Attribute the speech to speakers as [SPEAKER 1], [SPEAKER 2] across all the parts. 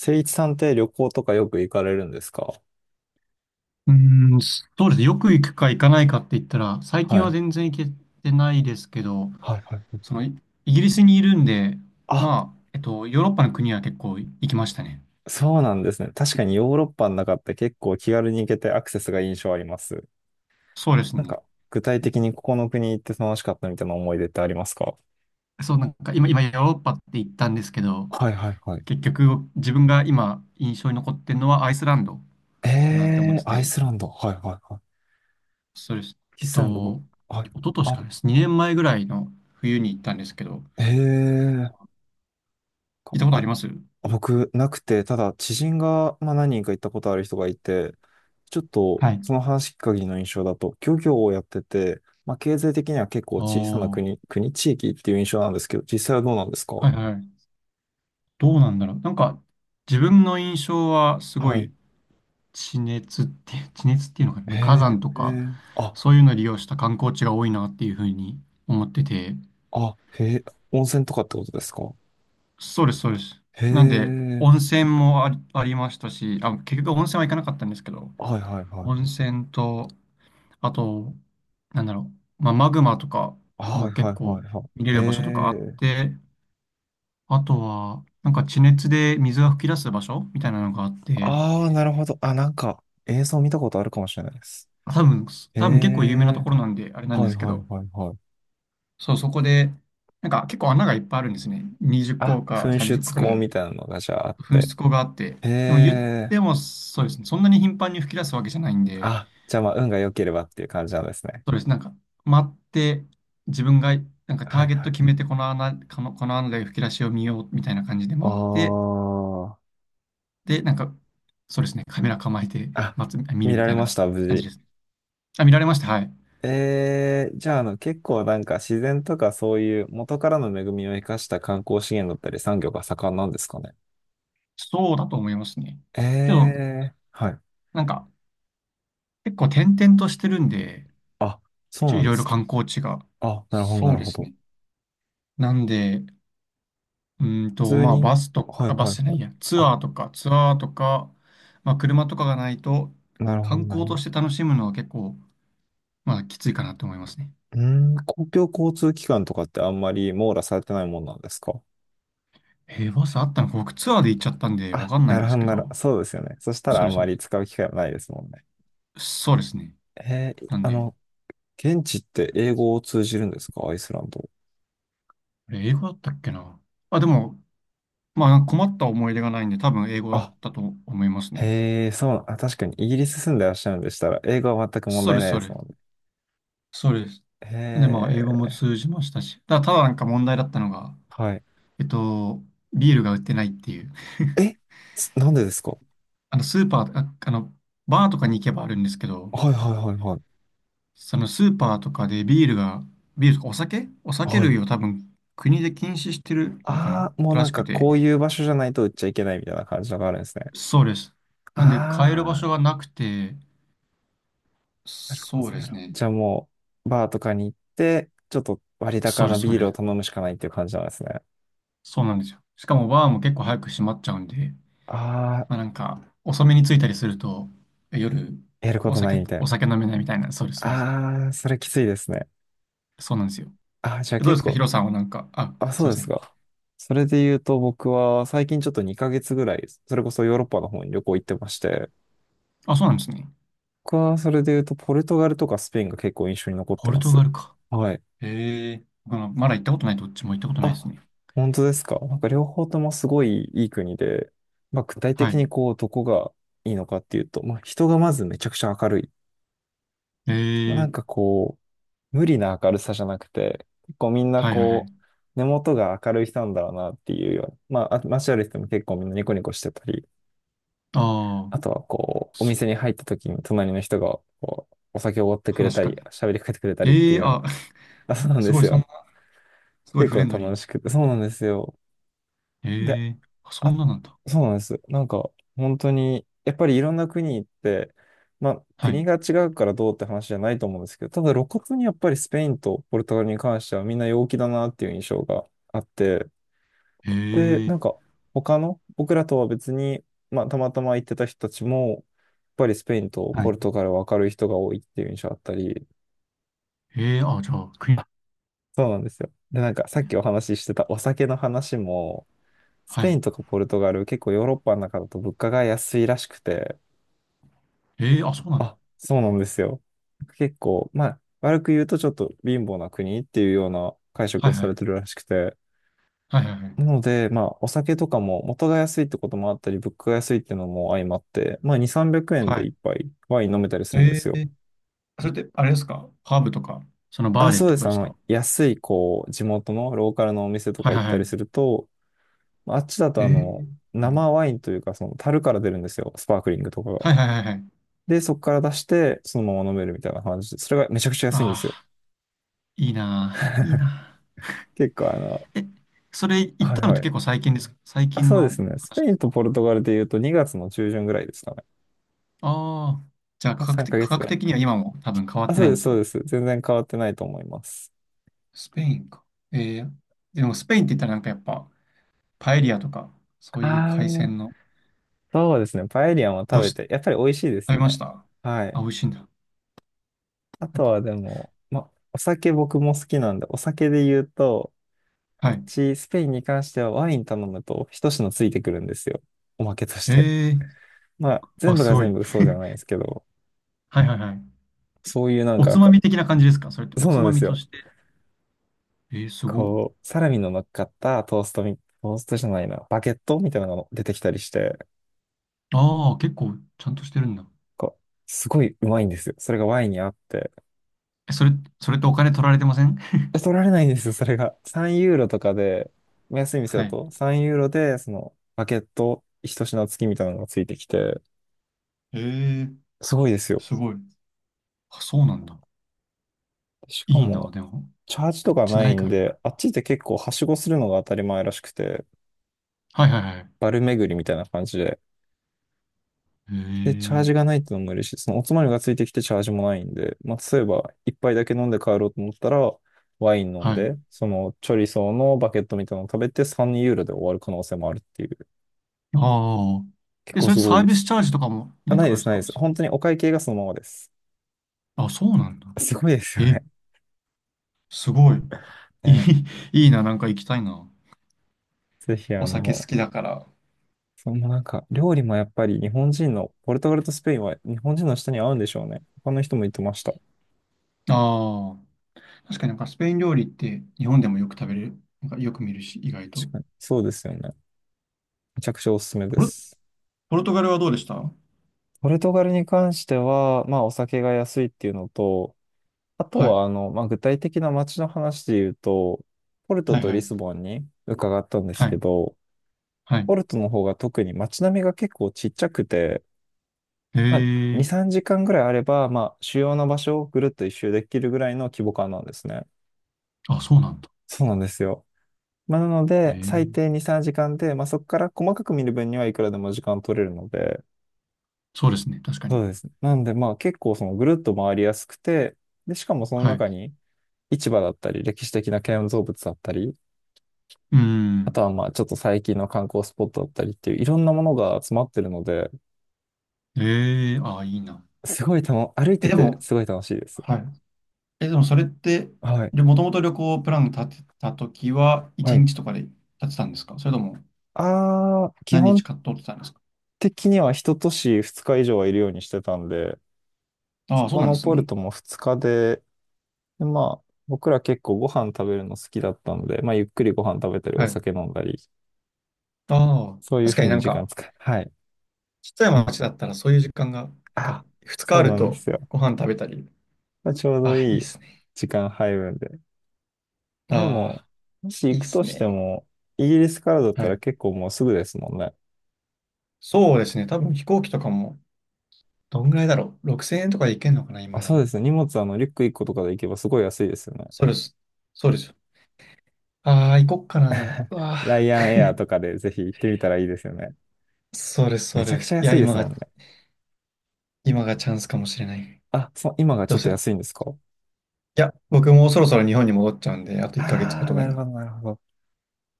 [SPEAKER 1] 誠一さんって旅行とかよく行かれるんですか？
[SPEAKER 2] うーん、そうですね。よく行くか行かないかって言ったら、最近
[SPEAKER 1] は
[SPEAKER 2] は
[SPEAKER 1] い。
[SPEAKER 2] 全然行けてないですけど、
[SPEAKER 1] はいはい。
[SPEAKER 2] イギリスにいるんで、
[SPEAKER 1] あ、
[SPEAKER 2] まあ、ヨーロッパの国は結構行きましたね。
[SPEAKER 1] そうなんですね。確かにヨーロッパの中って結構気軽に行けてアクセスがいい印象あります。
[SPEAKER 2] そうです
[SPEAKER 1] なん
[SPEAKER 2] ね。
[SPEAKER 1] か、具体的にここの国行って楽しかったみたいな思い出ってありますか？
[SPEAKER 2] そう、なんか今ヨーロッパって言ったんですけど、
[SPEAKER 1] はいはいはい。
[SPEAKER 2] 結局自分が今印象に残ってるのはアイスランドかなって思っ
[SPEAKER 1] えー、
[SPEAKER 2] て
[SPEAKER 1] アイ
[SPEAKER 2] て、
[SPEAKER 1] スランド。はいはいはい。ア
[SPEAKER 2] そうです。
[SPEAKER 1] イスランド、僕、はい。
[SPEAKER 2] 一昨年
[SPEAKER 1] あ、
[SPEAKER 2] からです。2年前ぐらいの冬に行ったんですけど、
[SPEAKER 1] ええ。
[SPEAKER 2] 行ったことあ
[SPEAKER 1] か
[SPEAKER 2] ります？
[SPEAKER 1] あ、僕、なくて、ただ、知人が、まあ、何人か行ったことある人がいて、ちょっと、
[SPEAKER 2] は
[SPEAKER 1] そ
[SPEAKER 2] い。
[SPEAKER 1] の話聞く限りの印象だと、漁業をやってて、まあ、経済的には結構小さな
[SPEAKER 2] お
[SPEAKER 1] 国、
[SPEAKER 2] ー、
[SPEAKER 1] 国、地域っていう印象なんですけど、実際はどうなんですか？
[SPEAKER 2] はいはい。どうなんだろう。なんか、自分の印象はすご
[SPEAKER 1] はい。
[SPEAKER 2] い地熱って、地熱っていうのかな、
[SPEAKER 1] へ
[SPEAKER 2] なんか火
[SPEAKER 1] え、
[SPEAKER 2] 山とか、
[SPEAKER 1] あ、
[SPEAKER 2] そういうのを利用した観光地が多いなっていうふうに思ってて、
[SPEAKER 1] あ、へえ、温泉とかってことですか？
[SPEAKER 2] そうです、そうです。
[SPEAKER 1] へ
[SPEAKER 2] なんで、
[SPEAKER 1] え、
[SPEAKER 2] 温泉もありましたし、あ、結局温泉は行かなかったんですけど、
[SPEAKER 1] はいはいはい。
[SPEAKER 2] 温泉と、あと、なんだろう、まあ、マグマとか
[SPEAKER 1] はい
[SPEAKER 2] も
[SPEAKER 1] は
[SPEAKER 2] 結
[SPEAKER 1] いはい
[SPEAKER 2] 構
[SPEAKER 1] はい。
[SPEAKER 2] 見れ
[SPEAKER 1] へ
[SPEAKER 2] る場所とかあっ
[SPEAKER 1] え、
[SPEAKER 2] て、あとは、なんか地熱で水が噴き出す場所みたいなのがあって、
[SPEAKER 1] ああ、なるほど。あ、なんか、映像見たことあるかもしれないです。
[SPEAKER 2] 多分、
[SPEAKER 1] へ
[SPEAKER 2] 多分結構有名なと
[SPEAKER 1] え、
[SPEAKER 2] ころなんで、あれなんで
[SPEAKER 1] はい
[SPEAKER 2] すけ
[SPEAKER 1] はい
[SPEAKER 2] ど、
[SPEAKER 1] はいはい。
[SPEAKER 2] そう、そこで、なんか結構穴がいっぱいあるんですね。20
[SPEAKER 1] あ、
[SPEAKER 2] 個か
[SPEAKER 1] 噴出
[SPEAKER 2] 30個くらい
[SPEAKER 1] 口みたいなのがじゃああっ
[SPEAKER 2] 噴出
[SPEAKER 1] て。
[SPEAKER 2] 口があって、
[SPEAKER 1] へ
[SPEAKER 2] でも言っ
[SPEAKER 1] え。
[SPEAKER 2] ても、そうですね、そんなに頻繁に噴き出すわけじゃないんで、
[SPEAKER 1] あ、じゃあまあ運が良ければっていう感じなんですね。
[SPEAKER 2] そうです、なんか、待って、自分が、なんかタ
[SPEAKER 1] は
[SPEAKER 2] ー
[SPEAKER 1] い
[SPEAKER 2] ゲッ
[SPEAKER 1] は
[SPEAKER 2] ト
[SPEAKER 1] い。
[SPEAKER 2] 決めて、この穴、この穴で吹き出しを見ようみたいな感じで待って、
[SPEAKER 1] ああ。
[SPEAKER 2] で、なんか、そうですね、カメラ構えて
[SPEAKER 1] あ、
[SPEAKER 2] 待つ、あ見る
[SPEAKER 1] 見
[SPEAKER 2] み
[SPEAKER 1] ら
[SPEAKER 2] た
[SPEAKER 1] れ
[SPEAKER 2] い
[SPEAKER 1] ま
[SPEAKER 2] な
[SPEAKER 1] した、無
[SPEAKER 2] 感じ
[SPEAKER 1] 事。
[SPEAKER 2] です。あ、見られました、はい。
[SPEAKER 1] えー、じゃあ、あの、結構なんか自然とかそういう元からの恵みを生かした観光資源だったり産業が盛んなんですかね。
[SPEAKER 2] そうだと思いますね。けど、
[SPEAKER 1] えー、はい。
[SPEAKER 2] なんか、結構転々としてるんで、
[SPEAKER 1] あ、そう
[SPEAKER 2] 一応
[SPEAKER 1] な
[SPEAKER 2] い
[SPEAKER 1] んで
[SPEAKER 2] ろいろ
[SPEAKER 1] す
[SPEAKER 2] 観
[SPEAKER 1] か。
[SPEAKER 2] 光地が。
[SPEAKER 1] あ、なるほど、な
[SPEAKER 2] そう
[SPEAKER 1] る
[SPEAKER 2] で
[SPEAKER 1] ほ
[SPEAKER 2] す
[SPEAKER 1] ど。
[SPEAKER 2] ね。なんで、
[SPEAKER 1] 普通
[SPEAKER 2] まあ
[SPEAKER 1] に。
[SPEAKER 2] バスとか、
[SPEAKER 1] はい、
[SPEAKER 2] あバ
[SPEAKER 1] は
[SPEAKER 2] ス
[SPEAKER 1] い、
[SPEAKER 2] じゃな
[SPEAKER 1] はい。
[SPEAKER 2] いや、ツ
[SPEAKER 1] あ、
[SPEAKER 2] アーとか、ツアーとか、まあ車とかがないと、
[SPEAKER 1] なるほど、
[SPEAKER 2] 観
[SPEAKER 1] なる
[SPEAKER 2] 光
[SPEAKER 1] ほ
[SPEAKER 2] と
[SPEAKER 1] ど。
[SPEAKER 2] して楽しむのは結構、まあきついかなと思いますね。
[SPEAKER 1] うーん、公共交通機関とかってあんまり網羅されてないもんなんですか？
[SPEAKER 2] バスあったのか、僕ツアーで行っちゃったんでわ
[SPEAKER 1] あ、
[SPEAKER 2] かんない
[SPEAKER 1] な
[SPEAKER 2] ん
[SPEAKER 1] る
[SPEAKER 2] で
[SPEAKER 1] ほ
[SPEAKER 2] す
[SPEAKER 1] ど、
[SPEAKER 2] け
[SPEAKER 1] なるほ
[SPEAKER 2] ど、
[SPEAKER 1] ど。そうですよね。そしたら
[SPEAKER 2] そ
[SPEAKER 1] あ
[SPEAKER 2] れ
[SPEAKER 1] ん
[SPEAKER 2] そ
[SPEAKER 1] ま
[SPEAKER 2] れ。
[SPEAKER 1] り使う機会はないですもんね。
[SPEAKER 2] そうですね。
[SPEAKER 1] えー、
[SPEAKER 2] なん
[SPEAKER 1] あ
[SPEAKER 2] で、
[SPEAKER 1] の、現地って英語を通じるんですか？アイスランド。
[SPEAKER 2] あれ英語だったっけな。あ、でも、まあ困った思い出がないんで、多分英語だ
[SPEAKER 1] あ、
[SPEAKER 2] ったと思いますね。
[SPEAKER 1] へえ、そうな、あ、確かにイギリス住んでらっしゃるんでしたら、英語は全く問
[SPEAKER 2] そ
[SPEAKER 1] 題
[SPEAKER 2] れ
[SPEAKER 1] ない
[SPEAKER 2] そ
[SPEAKER 1] です
[SPEAKER 2] れ。
[SPEAKER 1] もんね。
[SPEAKER 2] そうです。
[SPEAKER 1] へ
[SPEAKER 2] で、まあ、英語も
[SPEAKER 1] え、
[SPEAKER 2] 通じましたし、ただなんか問題だったのが、
[SPEAKER 1] はい。
[SPEAKER 2] えっと、ビールが売ってないっていう、
[SPEAKER 1] え、なんでですか？
[SPEAKER 2] スーパー、あ、バーとかに行けばあるんですけど、
[SPEAKER 1] はいはいはいはい。
[SPEAKER 2] そのスーパーとかでビールが、ビールとかお酒お酒
[SPEAKER 1] はい。
[SPEAKER 2] 類を多分国で禁止してるのかな
[SPEAKER 1] ああ、もう
[SPEAKER 2] ら
[SPEAKER 1] なん
[SPEAKER 2] しく
[SPEAKER 1] か
[SPEAKER 2] て、
[SPEAKER 1] こういう場所じゃないと売っちゃいけないみたいな感じのがあるんですね。
[SPEAKER 2] そうです。
[SPEAKER 1] あ
[SPEAKER 2] なんで、買える場所が
[SPEAKER 1] あ。
[SPEAKER 2] なくて、
[SPEAKER 1] なるほ
[SPEAKER 2] そう
[SPEAKER 1] ど、
[SPEAKER 2] で
[SPEAKER 1] な
[SPEAKER 2] す
[SPEAKER 1] るほど。
[SPEAKER 2] ね。
[SPEAKER 1] じゃあもう、バーとかに行って、ちょっと割
[SPEAKER 2] そ
[SPEAKER 1] 高
[SPEAKER 2] うで
[SPEAKER 1] な
[SPEAKER 2] す、そ
[SPEAKER 1] ビ
[SPEAKER 2] う
[SPEAKER 1] ー
[SPEAKER 2] で
[SPEAKER 1] ルを
[SPEAKER 2] す。
[SPEAKER 1] 頼むしかないっていう感じなんですね。
[SPEAKER 2] そうなんですよ。しかもバーも結構早く閉まっちゃうんで、
[SPEAKER 1] ああ、
[SPEAKER 2] まあなんか、遅めに着いたりすると、夜、
[SPEAKER 1] やるこ
[SPEAKER 2] お
[SPEAKER 1] とな
[SPEAKER 2] 酒、
[SPEAKER 1] いみたい
[SPEAKER 2] お
[SPEAKER 1] な。
[SPEAKER 2] 酒飲めないみたいな、そうです、そうです。
[SPEAKER 1] ああ、それきついですね。
[SPEAKER 2] そうなんですよ。
[SPEAKER 1] ああ、じゃあ
[SPEAKER 2] どうで
[SPEAKER 1] 結
[SPEAKER 2] すか、ヒ
[SPEAKER 1] 構、
[SPEAKER 2] ロさんはなんか、あ、
[SPEAKER 1] あ、
[SPEAKER 2] すい
[SPEAKER 1] そう
[SPEAKER 2] ま
[SPEAKER 1] で
[SPEAKER 2] せ
[SPEAKER 1] す
[SPEAKER 2] ん。
[SPEAKER 1] か。それで言うと僕は最近ちょっと2ヶ月ぐらい、それこそヨーロッパの方に旅行行ってまして、
[SPEAKER 2] あ、そうなんですね。
[SPEAKER 1] 僕はそれで言うとポルトガルとかスペインが結構印象に残っ
[SPEAKER 2] ポ
[SPEAKER 1] て
[SPEAKER 2] ル
[SPEAKER 1] ま
[SPEAKER 2] トガ
[SPEAKER 1] す。
[SPEAKER 2] ルか。
[SPEAKER 1] はい。
[SPEAKER 2] へえ、まだ行ったことない、どっちも行ったことないです
[SPEAKER 1] あ、
[SPEAKER 2] ね。
[SPEAKER 1] 本当ですか。なんか両方ともすごいいい国で、まあ具体
[SPEAKER 2] は
[SPEAKER 1] 的
[SPEAKER 2] い。
[SPEAKER 1] にこう、どこがいいのかっていうと、まあ人がまずめちゃくちゃ明るい。
[SPEAKER 2] へ
[SPEAKER 1] な
[SPEAKER 2] え、
[SPEAKER 1] んかこう、無理な明るさじゃなくて、結構みんな
[SPEAKER 2] はいはいは
[SPEAKER 1] こう、
[SPEAKER 2] い。
[SPEAKER 1] 根元が明るい人なんだろうなっていうような。まあ、あ、街歩いてても結構みんなニコニコしてたり、
[SPEAKER 2] あ
[SPEAKER 1] あとはこ
[SPEAKER 2] あ、
[SPEAKER 1] う、お
[SPEAKER 2] す
[SPEAKER 1] 店に入った時に隣の人がこう、お酒をおごってくれ
[SPEAKER 2] 話し
[SPEAKER 1] た
[SPEAKER 2] か
[SPEAKER 1] り、
[SPEAKER 2] け。
[SPEAKER 1] 喋りかけてくれたりって
[SPEAKER 2] え
[SPEAKER 1] い
[SPEAKER 2] え、
[SPEAKER 1] うような。
[SPEAKER 2] あ、
[SPEAKER 1] あ、そうなん
[SPEAKER 2] す
[SPEAKER 1] で
[SPEAKER 2] ご
[SPEAKER 1] す
[SPEAKER 2] い、そんな、
[SPEAKER 1] よ。
[SPEAKER 2] すごい
[SPEAKER 1] 結
[SPEAKER 2] フ
[SPEAKER 1] 構
[SPEAKER 2] レンド
[SPEAKER 1] 楽
[SPEAKER 2] リ
[SPEAKER 1] しくて。そうなんですよ。
[SPEAKER 2] ー。
[SPEAKER 1] で、
[SPEAKER 2] へえ、あそん
[SPEAKER 1] あ、
[SPEAKER 2] ななんだ。
[SPEAKER 1] そうなんです。なんか、本当に、やっぱりいろんな国行って、まあ、
[SPEAKER 2] はい。
[SPEAKER 1] 国が違うからどうって話じゃないと思うんですけど、ただ露骨にやっぱりスペインとポルトガルに関してはみんな陽気だなっていう印象があって、
[SPEAKER 2] へ
[SPEAKER 1] で、
[SPEAKER 2] え、
[SPEAKER 1] なんか、他の、僕らとは別に、まあ、たまたま行ってた人たちも、やっぱりスペインと
[SPEAKER 2] は
[SPEAKER 1] ポ
[SPEAKER 2] い。
[SPEAKER 1] ルトガルは明るい人が多いっていう印象あったり、
[SPEAKER 2] へえ、あ、じゃあ、クイーン。
[SPEAKER 1] そうなんですよ。で、なんか、さっきお話ししてたお酒の話も、ス
[SPEAKER 2] は
[SPEAKER 1] ペイ
[SPEAKER 2] い。
[SPEAKER 1] ンとかポルトガル、結構ヨーロッパの中だと物価が安いらしくて、
[SPEAKER 2] へえ、あ、そうなんだ。
[SPEAKER 1] あ、そうなんですよ。結構、まあ、悪く言うとちょっと貧乏な国っていうような解釈
[SPEAKER 2] は
[SPEAKER 1] を
[SPEAKER 2] いは
[SPEAKER 1] され
[SPEAKER 2] い。
[SPEAKER 1] てるらしくて。
[SPEAKER 2] はいはいはい。
[SPEAKER 1] なので、まあ、お酒とかも元が安いってこともあったり、物価が安いっていうのも相まって、まあ、2、300円
[SPEAKER 2] は
[SPEAKER 1] で一
[SPEAKER 2] い。
[SPEAKER 1] 杯ワイン飲めたりするんです
[SPEAKER 2] え
[SPEAKER 1] よ。
[SPEAKER 2] ー、それってあれですか？ハーブとか、そのバ
[SPEAKER 1] あ、
[SPEAKER 2] ーでっ
[SPEAKER 1] そう
[SPEAKER 2] て
[SPEAKER 1] で
[SPEAKER 2] こと
[SPEAKER 1] す。
[SPEAKER 2] で
[SPEAKER 1] あ
[SPEAKER 2] す
[SPEAKER 1] の、
[SPEAKER 2] か？
[SPEAKER 1] 安い、こう、地元のローカルのお店と
[SPEAKER 2] は
[SPEAKER 1] か
[SPEAKER 2] いは
[SPEAKER 1] 行
[SPEAKER 2] い
[SPEAKER 1] った
[SPEAKER 2] は
[SPEAKER 1] り
[SPEAKER 2] い。
[SPEAKER 1] すると、まああっちだと、
[SPEAKER 2] え
[SPEAKER 1] あの、
[SPEAKER 2] ー、は
[SPEAKER 1] 生ワインというか、その、樽から出るんですよ。スパークリングとか
[SPEAKER 2] い
[SPEAKER 1] が。
[SPEAKER 2] はいはいはい。
[SPEAKER 1] で、そこから出して、そのまま飲めるみたいな感じで、それがめちゃくちゃ安いんで
[SPEAKER 2] あ
[SPEAKER 1] すよ。
[SPEAKER 2] あ、いいなあ、いいなあ。
[SPEAKER 1] 結構あの、
[SPEAKER 2] え、それ行っ
[SPEAKER 1] はい
[SPEAKER 2] たのっ
[SPEAKER 1] は
[SPEAKER 2] て
[SPEAKER 1] い。
[SPEAKER 2] 結構最近ですか？最
[SPEAKER 1] あ、
[SPEAKER 2] 近
[SPEAKER 1] そうで
[SPEAKER 2] の
[SPEAKER 1] すね。スペ
[SPEAKER 2] 話で
[SPEAKER 1] イ
[SPEAKER 2] す
[SPEAKER 1] ン
[SPEAKER 2] か？
[SPEAKER 1] とポルトガルで言うと2月の中旬ぐらいですかね。
[SPEAKER 2] ああー、じゃあ
[SPEAKER 1] まあ
[SPEAKER 2] 価格
[SPEAKER 1] 3
[SPEAKER 2] 的、
[SPEAKER 1] ヶ
[SPEAKER 2] 価
[SPEAKER 1] 月ぐ
[SPEAKER 2] 格
[SPEAKER 1] らい。
[SPEAKER 2] 的には今も多分変わっ
[SPEAKER 1] あ、
[SPEAKER 2] て
[SPEAKER 1] そ
[SPEAKER 2] な
[SPEAKER 1] う
[SPEAKER 2] い
[SPEAKER 1] で
[SPEAKER 2] んで
[SPEAKER 1] す、
[SPEAKER 2] す
[SPEAKER 1] そう
[SPEAKER 2] ね。
[SPEAKER 1] です。全然変わってないと思います。
[SPEAKER 2] スペインか。えー、でもスペインって言ったらなんかやっぱパエリアとか、そういう
[SPEAKER 1] ああ、
[SPEAKER 2] 海鮮の、
[SPEAKER 1] そうですね。パエリアも食
[SPEAKER 2] どう
[SPEAKER 1] べ
[SPEAKER 2] した、
[SPEAKER 1] て、やっぱり美味しいですよ
[SPEAKER 2] 食べまし
[SPEAKER 1] ね。
[SPEAKER 2] た？
[SPEAKER 1] は
[SPEAKER 2] あ、
[SPEAKER 1] い。
[SPEAKER 2] 美味しいんだ。
[SPEAKER 1] あ
[SPEAKER 2] なん
[SPEAKER 1] と
[SPEAKER 2] か、
[SPEAKER 1] はでも、ま、お酒僕も好きなんで、お酒で言うと、あ
[SPEAKER 2] は
[SPEAKER 1] っ
[SPEAKER 2] い。
[SPEAKER 1] ち、スペインに関してはワイン頼むと一品ついてくるんですよ。おまけとし
[SPEAKER 2] え
[SPEAKER 1] て。
[SPEAKER 2] ー、
[SPEAKER 1] まあ、
[SPEAKER 2] あ、
[SPEAKER 1] 全部
[SPEAKER 2] す
[SPEAKER 1] が
[SPEAKER 2] ご
[SPEAKER 1] 全
[SPEAKER 2] い。
[SPEAKER 1] 部そうじゃないんですけど、
[SPEAKER 2] はいはいはい。
[SPEAKER 1] そういうなん
[SPEAKER 2] お
[SPEAKER 1] か、
[SPEAKER 2] つまみ的な感じですか？それってお
[SPEAKER 1] そう
[SPEAKER 2] つ
[SPEAKER 1] なん
[SPEAKER 2] ま
[SPEAKER 1] で
[SPEAKER 2] み
[SPEAKER 1] す
[SPEAKER 2] と
[SPEAKER 1] よ。
[SPEAKER 2] して。すごっ。
[SPEAKER 1] こう、サラミの乗っかったトーストじゃないな、バゲットみたいなのが出てきたりして、
[SPEAKER 2] ああ、結構ちゃんとしてるんだ。
[SPEAKER 1] こう、すごいうまいんですよ。それがワインに合って。
[SPEAKER 2] え、それってお金取られてません？
[SPEAKER 1] え、取られないんですよ、それが。3ユーロとかで、安い店だ
[SPEAKER 2] はい。
[SPEAKER 1] と3ユーロで、その、バゲット一品付きみたいなのがついてきて、
[SPEAKER 2] えー
[SPEAKER 1] すごいですよ。
[SPEAKER 2] すごい。あ、そうなんだ。
[SPEAKER 1] しか
[SPEAKER 2] いいな、
[SPEAKER 1] も、
[SPEAKER 2] でも。
[SPEAKER 1] チャージ
[SPEAKER 2] こ
[SPEAKER 1] と
[SPEAKER 2] っ
[SPEAKER 1] か
[SPEAKER 2] ち
[SPEAKER 1] な
[SPEAKER 2] な
[SPEAKER 1] い
[SPEAKER 2] い
[SPEAKER 1] ん
[SPEAKER 2] からな。
[SPEAKER 1] で、あっちって結構はしごするのが当たり前らしくて、
[SPEAKER 2] はいはいはい。
[SPEAKER 1] バル巡りみたいな感じで、
[SPEAKER 2] え
[SPEAKER 1] で、チャー
[SPEAKER 2] ー
[SPEAKER 1] ジがないってのも嬉しい。そのおつまみがついてきてチャージもないんで、まあ、例えば、一杯だけ飲んで帰ろうと思ったら、ワイン飲ん
[SPEAKER 2] はい。
[SPEAKER 1] で、そのチョリソーのバケットみたいなのを食べて3ユーロで終わる可能性もあるっていう。
[SPEAKER 2] ああ。
[SPEAKER 1] 結
[SPEAKER 2] え、
[SPEAKER 1] 構
[SPEAKER 2] それ
[SPEAKER 1] す
[SPEAKER 2] サ
[SPEAKER 1] ごい
[SPEAKER 2] ー
[SPEAKER 1] で
[SPEAKER 2] ビス
[SPEAKER 1] す。
[SPEAKER 2] チャージとかも
[SPEAKER 1] あ、
[SPEAKER 2] ないって
[SPEAKER 1] ない
[SPEAKER 2] こ
[SPEAKER 1] で
[SPEAKER 2] とで
[SPEAKER 1] す、
[SPEAKER 2] す
[SPEAKER 1] ないで
[SPEAKER 2] か？
[SPEAKER 1] す。本当にお会計がそのままです。
[SPEAKER 2] あ、そうなんだ。
[SPEAKER 1] すごいですよ
[SPEAKER 2] え、
[SPEAKER 1] ね。
[SPEAKER 2] すごい。い
[SPEAKER 1] ね。
[SPEAKER 2] いいな、なんか行きたいな。
[SPEAKER 1] ぜひ、あ
[SPEAKER 2] お酒好
[SPEAKER 1] の、
[SPEAKER 2] きだから。あ
[SPEAKER 1] そのなんか、料理もやっぱり日本人の、ポルトガルとスペインは日本人の舌に合うんでしょうね。他の人も言ってました。
[SPEAKER 2] あ。確かになんかスペイン料理って日本でもよく食べれる、なんかよく見るし、意外と。
[SPEAKER 1] 確かに。そうですよね。めちゃくちゃおすすめで
[SPEAKER 2] ポル、
[SPEAKER 1] す。
[SPEAKER 2] ポルトガルはどうでした？は
[SPEAKER 1] ポルトガルに関しては、まあ、お酒が安いっていうのと、あと
[SPEAKER 2] い、
[SPEAKER 1] は、あの、まあ、具体的な街の話で言うと、ポルト
[SPEAKER 2] はい、
[SPEAKER 1] と
[SPEAKER 2] は
[SPEAKER 1] リス
[SPEAKER 2] い、
[SPEAKER 1] ボンに伺ったんです
[SPEAKER 2] は
[SPEAKER 1] け
[SPEAKER 2] い、
[SPEAKER 1] ど、
[SPEAKER 2] はい。
[SPEAKER 1] ポルトの方が特に街並みが結構ちっちゃくて、
[SPEAKER 2] へ
[SPEAKER 1] まあ、2、
[SPEAKER 2] え、
[SPEAKER 1] 3時間ぐらいあれば、まあ、主要な場所をぐるっと一周できるぐらいの規模感なんですね。
[SPEAKER 2] あ、そうなんだ。
[SPEAKER 1] そうなんですよ。まあ、なの
[SPEAKER 2] へ
[SPEAKER 1] で、
[SPEAKER 2] え、
[SPEAKER 1] 最低2、3時間で、まあ、そこから細かく見る分にはいくらでも時間取れるので、
[SPEAKER 2] そうですね、確か
[SPEAKER 1] そ
[SPEAKER 2] に。
[SPEAKER 1] うです。なんで、まあ結構そのぐるっと回りやすくて、で、しかもその
[SPEAKER 2] はい。
[SPEAKER 1] 中に市場だったり、歴史的な建造物だったり、
[SPEAKER 2] うー
[SPEAKER 1] あと
[SPEAKER 2] ん。
[SPEAKER 1] はまあちょっと最近の観光スポットだったりっていういろんなものが詰まってるので、
[SPEAKER 2] へえ、あ、いいな。
[SPEAKER 1] すごい歩い
[SPEAKER 2] え、
[SPEAKER 1] て
[SPEAKER 2] で
[SPEAKER 1] て
[SPEAKER 2] も、
[SPEAKER 1] すごい楽しいです。
[SPEAKER 2] はい。え、でもそれって、
[SPEAKER 1] はい。
[SPEAKER 2] で、もともと旅行プラン立てたときは、
[SPEAKER 1] は
[SPEAKER 2] 1
[SPEAKER 1] い。
[SPEAKER 2] 日とかで立てたんですか？それとも
[SPEAKER 1] ああ、基
[SPEAKER 2] 何日
[SPEAKER 1] 本
[SPEAKER 2] か取ってたんですか？
[SPEAKER 1] 的には一都市二日以上はいるようにしてたんで、
[SPEAKER 2] あ
[SPEAKER 1] そ
[SPEAKER 2] あ、そう
[SPEAKER 1] こ
[SPEAKER 2] なんで
[SPEAKER 1] の
[SPEAKER 2] す
[SPEAKER 1] ポル
[SPEAKER 2] ね。
[SPEAKER 1] トも二日で、でまあ僕ら結構ご飯食べるの好きだったので、まあゆっくりご飯食べたり
[SPEAKER 2] は
[SPEAKER 1] お
[SPEAKER 2] い。
[SPEAKER 1] 酒飲んだり、
[SPEAKER 2] ああ、
[SPEAKER 1] そういう
[SPEAKER 2] 確
[SPEAKER 1] ふ
[SPEAKER 2] か
[SPEAKER 1] う
[SPEAKER 2] にな
[SPEAKER 1] に
[SPEAKER 2] ん
[SPEAKER 1] 時間
[SPEAKER 2] か、
[SPEAKER 1] 使い、はい。
[SPEAKER 2] ちっちゃい町だったらそういう時間が、なん
[SPEAKER 1] あ、
[SPEAKER 2] か、2日
[SPEAKER 1] そ
[SPEAKER 2] あ
[SPEAKER 1] う
[SPEAKER 2] る
[SPEAKER 1] なんで
[SPEAKER 2] と
[SPEAKER 1] すよ。
[SPEAKER 2] ご飯食べたり、
[SPEAKER 1] ちょうど
[SPEAKER 2] あ、い
[SPEAKER 1] い
[SPEAKER 2] いっ
[SPEAKER 1] い
[SPEAKER 2] すね。
[SPEAKER 1] 時間配分で。
[SPEAKER 2] あ
[SPEAKER 1] でも、
[SPEAKER 2] あ、
[SPEAKER 1] もし
[SPEAKER 2] い
[SPEAKER 1] 行
[SPEAKER 2] いっ
[SPEAKER 1] くと
[SPEAKER 2] す
[SPEAKER 1] して
[SPEAKER 2] ね。
[SPEAKER 1] も、イギリスからだっ
[SPEAKER 2] は
[SPEAKER 1] たら
[SPEAKER 2] い。
[SPEAKER 1] 結構もうすぐですもんね。
[SPEAKER 2] そうですね。多分飛行機とかも、どんぐらいだろう。6000円とかで行けんのかな、
[SPEAKER 1] あ、
[SPEAKER 2] 今な
[SPEAKER 1] そう
[SPEAKER 2] ら。
[SPEAKER 1] ですね。荷物、あの、リュック1個とかで行けばすごい安いですよね。
[SPEAKER 2] そうです。そうです。ああ、行こっかな、でも。うわあ。
[SPEAKER 1] ライアンエアとかでぜひ行ってみたらいいですよね。
[SPEAKER 2] そうです、そ
[SPEAKER 1] め
[SPEAKER 2] う
[SPEAKER 1] ちゃ
[SPEAKER 2] で
[SPEAKER 1] くち
[SPEAKER 2] す。
[SPEAKER 1] ゃ
[SPEAKER 2] いや、
[SPEAKER 1] 安いで
[SPEAKER 2] 今
[SPEAKER 1] す
[SPEAKER 2] が、
[SPEAKER 1] もんね。
[SPEAKER 2] 今がチャンスかもしれない。
[SPEAKER 1] あ、そう、今がち
[SPEAKER 2] ど
[SPEAKER 1] ょ
[SPEAKER 2] う
[SPEAKER 1] っと
[SPEAKER 2] せ。い
[SPEAKER 1] 安いんですか？
[SPEAKER 2] や、僕もうそろそろ日本に戻っちゃうんで、あと1ヶ月後
[SPEAKER 1] ああー、
[SPEAKER 2] とか
[SPEAKER 1] なる
[SPEAKER 2] に、
[SPEAKER 1] ほど、なるほど。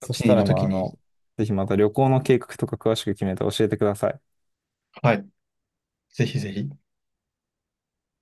[SPEAKER 2] こっ
[SPEAKER 1] そ
[SPEAKER 2] ち
[SPEAKER 1] し
[SPEAKER 2] に
[SPEAKER 1] た
[SPEAKER 2] い
[SPEAKER 1] ら
[SPEAKER 2] ると
[SPEAKER 1] まあ
[SPEAKER 2] き
[SPEAKER 1] あ
[SPEAKER 2] に、
[SPEAKER 1] の、ぜひまた旅行の計画とか詳しく決めて教えてください。
[SPEAKER 2] はい。ぜひぜひ。